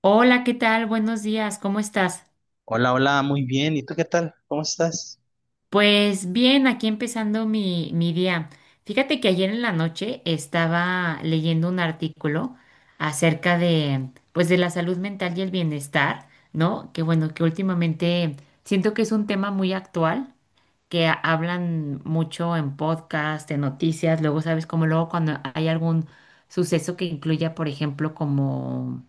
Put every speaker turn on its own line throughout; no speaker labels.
Hola, ¿qué tal? Buenos días, ¿cómo estás?
Hola, hola, muy bien. ¿Y tú qué tal? ¿Cómo estás?
Pues bien, aquí empezando mi día. Fíjate que ayer en la noche estaba leyendo un artículo acerca de, pues, de la salud mental y el bienestar, ¿no? Que bueno, que últimamente siento que es un tema muy actual que hablan mucho en podcast, en noticias, luego sabes como luego cuando hay algún suceso que incluya, por ejemplo, como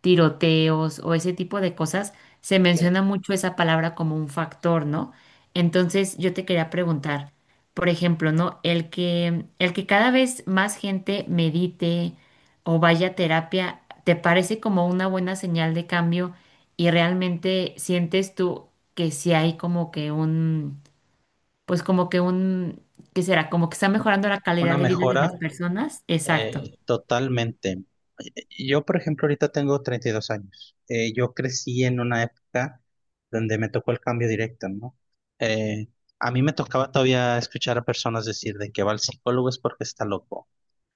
tiroteos o ese tipo de cosas, se
Sí.
menciona mucho esa palabra como un factor, ¿no? Entonces yo te quería preguntar, por ejemplo, ¿no? El que cada vez más gente medite o vaya a terapia, ¿te parece como una buena señal de cambio y realmente sientes tú que sí hay como que un, pues como que un, ¿qué será? Como que está mejorando la calidad
Una
de vida de las
mejora
personas. Exacto.
totalmente. Yo, por ejemplo, ahorita tengo 32 años. Yo crecí en una época donde me tocó el cambio directo, ¿no? Eh, a mí me tocaba todavía escuchar a personas decir de que va al psicólogo es porque está loco.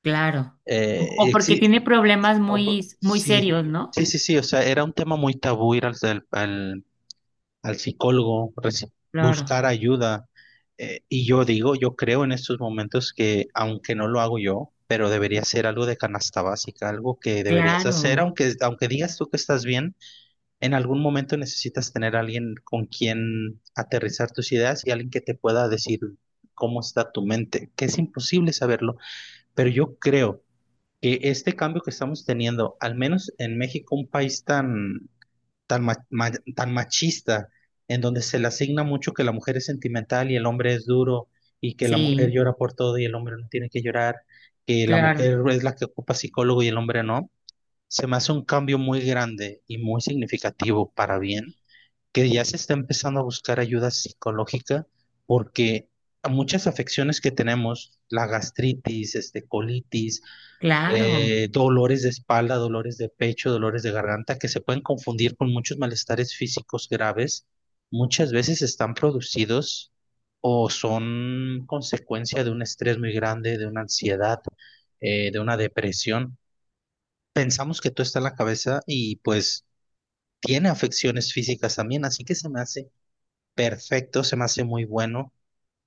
Claro. O,
Eh,
porque
exi-
tiene problemas muy, muy
sí,
serios, ¿no?
sí, sí, sí. O sea, era un tema muy tabú ir al psicólogo,
Claro,
buscar ayuda. Y yo digo, yo creo en estos momentos que, aunque no lo hago yo, pero debería ser algo de canasta básica, algo que deberías hacer,
claro,
aunque digas tú que estás bien, en algún momento necesitas tener a alguien con quien aterrizar tus ideas y alguien que te pueda decir cómo está tu mente, que es imposible saberlo, pero yo creo que este cambio que estamos teniendo, al menos en México, un país tan, ma- ma- tan machista, en donde se le asigna mucho que la mujer es sentimental y el hombre es duro, y que la mujer
sí,
llora por todo y el hombre no tiene que llorar, que la
claro,
mujer es la que ocupa psicólogo y el hombre no, se me hace un cambio muy grande y muy significativo para bien, que ya se está empezando a buscar ayuda psicológica, porque a muchas afecciones que tenemos, la gastritis, este, colitis,
claro,
dolores de espalda, dolores de pecho, dolores de garganta, que se pueden confundir con muchos malestares físicos graves, muchas veces están producidos o son consecuencia de un estrés muy grande, de una ansiedad, de una depresión. Pensamos que todo está en la cabeza y pues tiene afecciones físicas también, así que se me hace perfecto, se me hace muy bueno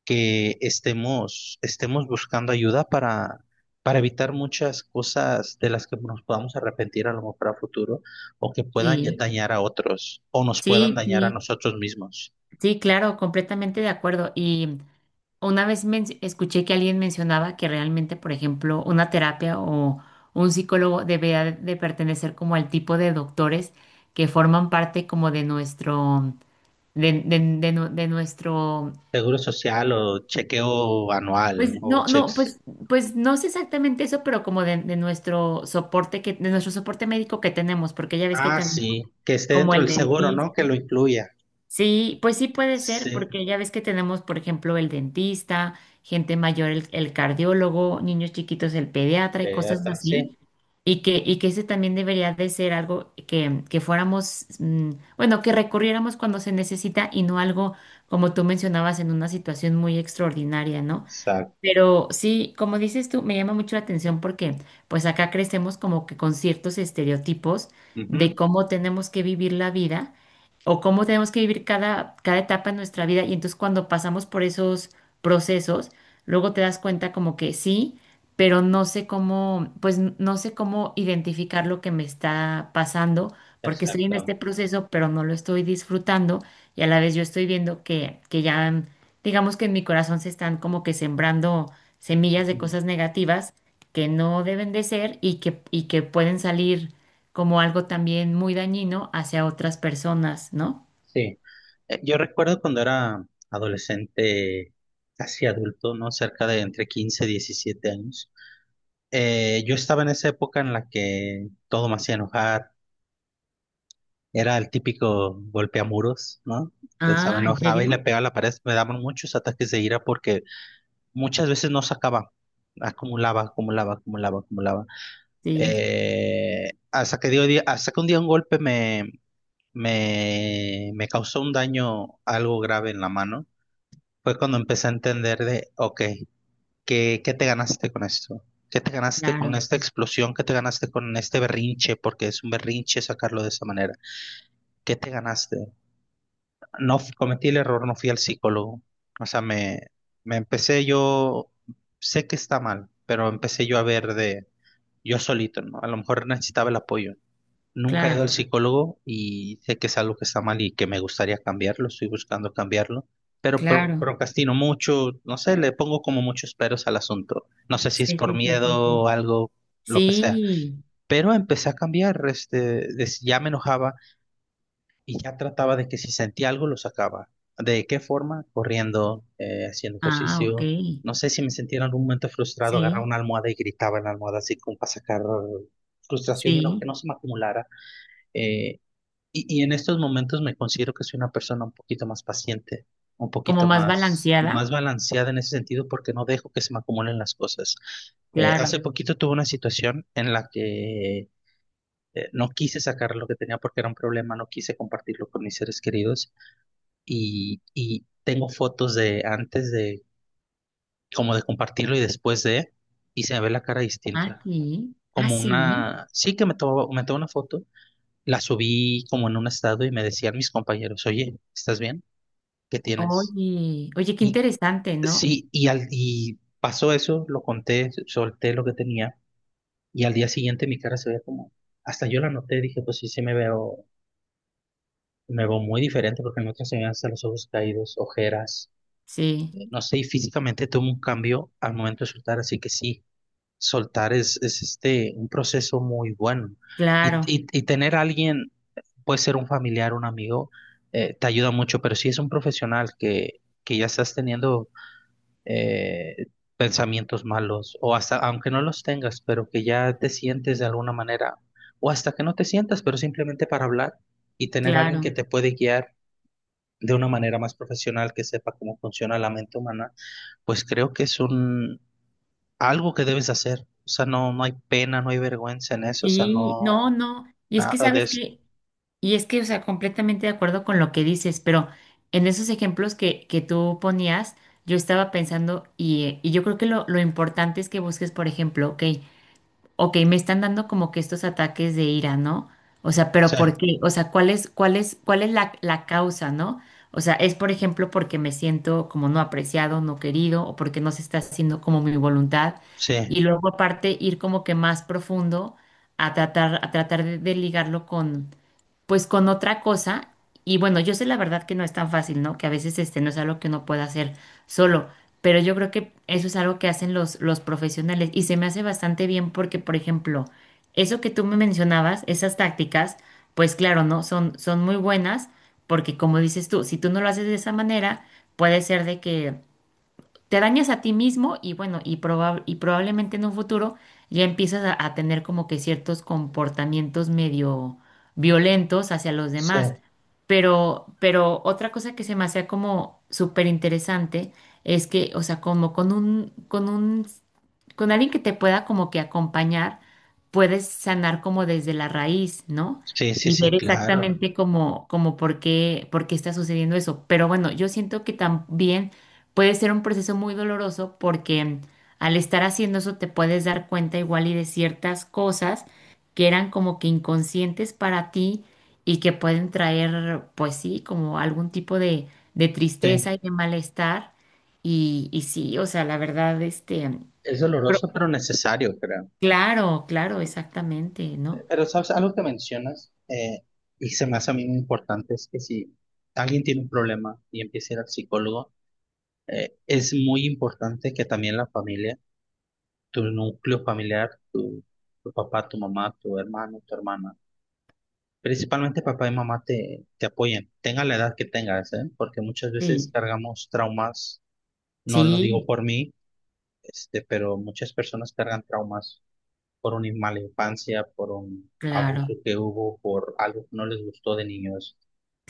que estemos buscando ayuda para evitar muchas cosas de las que nos podamos arrepentir a lo mejor a futuro o que puedan
sí,
dañar a otros o nos puedan
sí,
dañar a
sí,
nosotros mismos.
sí, claro, completamente de acuerdo. Y una vez escuché que alguien mencionaba que realmente, por ejemplo, una terapia o un psicólogo debería de pertenecer como al tipo de doctores que forman parte como de nuestro, de de nuestro…
Seguro social o chequeo anual, ¿no?
Pues
O
no, no,
checks.
pues, pues no sé exactamente eso, pero como de nuestro soporte que, de nuestro soporte médico que tenemos, porque ya ves que
Ah,
tenemos
sí, que esté
como
dentro
el
del seguro, ¿no?
dentista.
Que lo incluya.
Sí, pues sí puede ser,
Sí,
porque ya ves que tenemos, por ejemplo, el dentista, gente mayor, el cardiólogo, niños chiquitos, el pediatra y cosas
atrás, sí,
así. Y que ese también debería de ser algo que fuéramos, bueno, que recurriéramos cuando se necesita y no algo como tú mencionabas en una situación muy extraordinaria, ¿no?
exacto.
Pero sí, como dices tú, me llama mucho la atención porque pues acá crecemos como que con ciertos estereotipos de
Ujú.
cómo tenemos que vivir la vida o cómo tenemos que vivir cada, cada etapa de nuestra vida. Y entonces cuando pasamos por esos procesos, luego te das cuenta como que sí, pero no sé cómo, pues no sé cómo identificar lo que me está pasando porque estoy en
Exacto.
este proceso, pero no lo estoy disfrutando y a la vez yo estoy viendo que ya, digamos que en mi corazón se están como que sembrando semillas de
Ujú.
cosas negativas que no deben de ser y que pueden salir como algo también muy dañino hacia otras personas, ¿no?
Sí. Yo recuerdo cuando era adolescente, casi adulto, ¿no? Cerca de entre 15 y 17 años. Yo estaba en esa época en la que todo me hacía enojar. Era el típico golpeamuros, ¿no? O sea, me
Ah, ¿en
enojaba y le
serio?
pegaba a la pared. Me daban muchos ataques de ira porque muchas veces no sacaba. Acumulaba, acumulaba, acumulaba, acumulaba.
Sí,
Hasta que un día un golpe me causó un daño algo grave en la mano. Fue cuando empecé a entender de, ok, ¿qué te ganaste con esto? ¿Qué te ganaste con
claro,
esta explosión? ¿Qué te ganaste con este berrinche? Porque es un berrinche sacarlo de esa manera. ¿Qué te ganaste? No f- cometí el error, no fui al psicólogo. O sea, me empecé yo, sé que está mal, pero empecé yo a ver de yo solito, ¿no? A lo mejor necesitaba el apoyo. Nunca he ido al
claro,
psicólogo y sé que es algo que está mal y que me gustaría cambiarlo, estoy buscando cambiarlo, pero
claro.
procrastino mucho, no sé, le pongo como muchos peros al asunto. No sé si es
Sí,
por
sí, sí, sí.
miedo o
Sí.
algo, lo que sea.
Sí.
Pero empecé a cambiar, este, ya me enojaba y ya trataba de que si sentía algo lo sacaba. ¿De qué forma? Corriendo, haciendo
Ah, ok.
ejercicio. No sé si me sentía en algún momento frustrado, agarraba
Sí,
una almohada y gritaba en la almohada así como para sacar frustración y no que
sí.
no se me acumulara. eh, y en estos momentos me considero que soy una persona un poquito más paciente, un
Como
poquito
más
más,
balanceada,
más balanceada en ese sentido porque no dejo que se me acumulen las cosas. Hace
claro.
poquito tuve una situación en la que no quise sacar lo que tenía porque era un problema, no quise compartirlo con mis seres queridos y tengo fotos de antes de, como de compartirlo y después de, y se me ve la cara distinta.
Aquí, ah,
Como
sí,
una, sí que me tomó una foto, la subí como en un estado y me decían mis compañeros, oye, ¿estás bien? Que tienes.
oye, oye, qué
Y
interesante, ¿no?
sí, y pasó eso, lo conté, solté lo que tenía y al día siguiente mi cara se veía como, hasta yo la noté, dije, pues sí, me veo muy diferente porque en otras se me ven hasta los ojos caídos, ojeras,
Sí,
no sé, y físicamente tuve un cambio al momento de soltar, así que sí, soltar es este, un proceso muy bueno. Y,
claro,
y, y tener a alguien, puede ser un familiar, un amigo, te ayuda mucho, pero si es un profesional que ya estás teniendo eh, pensamientos malos, o hasta, aunque no los tengas, pero que ya te sientes de alguna manera, o hasta que no te sientas, pero simplemente para hablar y tener alguien que
claro.
te puede guiar de una manera más profesional, que sepa cómo funciona la mente humana, pues creo que es un, algo que debes hacer. O sea, no, no hay pena, no hay vergüenza en eso, o sea,
Sí,
no,
no, no, y es que
nada de
sabes
eso.
que, y es que, o sea, completamente de acuerdo con lo que dices, pero en esos ejemplos que tú ponías, yo estaba pensando, y yo creo que lo importante es que busques, por ejemplo, ok, ok, me están dando como que estos ataques de ira, ¿no? O sea, pero
Sí,
¿por qué? O sea, ¿cuál es, cuál es, cuál es la, la causa, ¿no? O sea, es por ejemplo porque me siento como no apreciado, no querido, o porque no se está haciendo como mi voluntad.
sí,
Y luego aparte ir como que más profundo a tratar de ligarlo con, pues con otra cosa. Y bueno, yo sé la verdad que no es tan fácil, ¿no? Que a veces este no es algo que uno pueda hacer solo, pero yo creo que eso es algo que hacen los profesionales y se me hace bastante bien porque, por ejemplo, eso que tú me mencionabas, esas tácticas, pues claro, ¿no? Son, son muy buenas porque como dices tú, si tú no lo haces de esa manera, puede ser de que te dañas a ti mismo y bueno, y, y probablemente en un futuro ya empiezas a tener como que ciertos comportamientos medio violentos hacia los
sí,
demás. Pero otra cosa que se me hacía como súper interesante es que, o sea, como con un, con alguien que te pueda como que acompañar, puedes sanar como desde la raíz, ¿no?
sí, sí,
Y
sí,
ver
claro.
exactamente como, como por qué está sucediendo eso. Pero bueno, yo siento que también puede ser un proceso muy doloroso porque al estar haciendo eso te puedes dar cuenta igual y de ciertas cosas que eran como que inconscientes para ti y que pueden traer, pues sí, como algún tipo de tristeza
Sí,
y de malestar. Y sí, o sea, la verdad, este…
es doloroso, pero necesario, creo.
Claro, claro, exactamente, ¿no?
Pero sabes, algo que mencionas y se me hace a mí muy importante es que si alguien tiene un problema y empieza a ir al psicólogo, es muy importante que también la familia, tu núcleo familiar, tu papá, tu mamá, tu hermano, tu hermana, principalmente papá y mamá te apoyen, tenga la edad que tengas, ¿eh? Porque muchas veces
Sí,
cargamos traumas, no lo
sí,
digo por mí, este, pero muchas personas cargan traumas por una mala infancia, por un abuso
claro,
que hubo, por algo que no les gustó de niños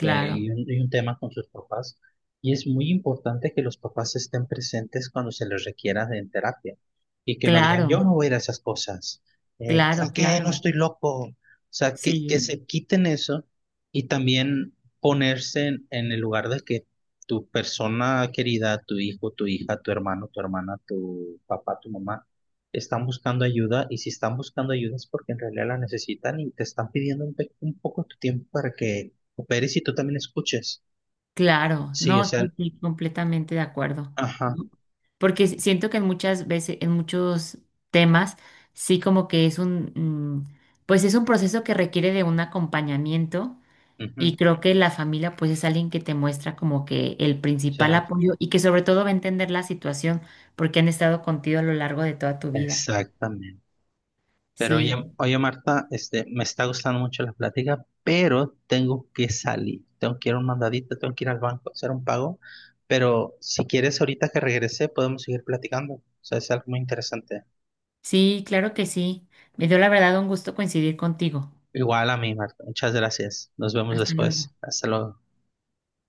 y un tema con sus papás. Y es muy importante que los papás estén presentes cuando se les requiera en terapia y que no digan,
claro,
yo no voy a ir a esas cosas, ¿para
claro,
qué? No
claro,
estoy loco. O sea, que
sí,
se quiten eso y también ponerse en el lugar de que tu persona querida, tu hijo, tu hija, tu hermano, tu hermana, tu papá, tu mamá, están buscando ayuda y si están buscando ayuda es porque en realidad la necesitan y te están pidiendo un, un poco tu tiempo para que operes y tú también escuches.
claro,
Sí, o
no,
sea,
sí, sí, completamente de acuerdo,
ajá,
¿no? Porque siento que en muchas veces, en muchos temas, sí como que es un, mm, pues es un proceso que requiere de un acompañamiento
ujú,
y creo que la familia pues es alguien que te muestra como que el
sí,
principal apoyo y que sobre todo va a entender la situación porque han estado contigo a lo largo de toda tu vida.
exactamente. Pero oye,
Sí,
oye Marta, este, me está gustando mucho la plática, pero tengo que salir, tengo que ir a un mandadito, tengo que ir al banco a hacer un pago, pero si quieres ahorita que regrese podemos seguir platicando, o sea, es algo muy interesante.
sí, claro que sí. Me dio la verdad un gusto coincidir contigo.
Igual a mí, Marta, muchas gracias, nos vemos
Hasta luego.
después, hasta luego.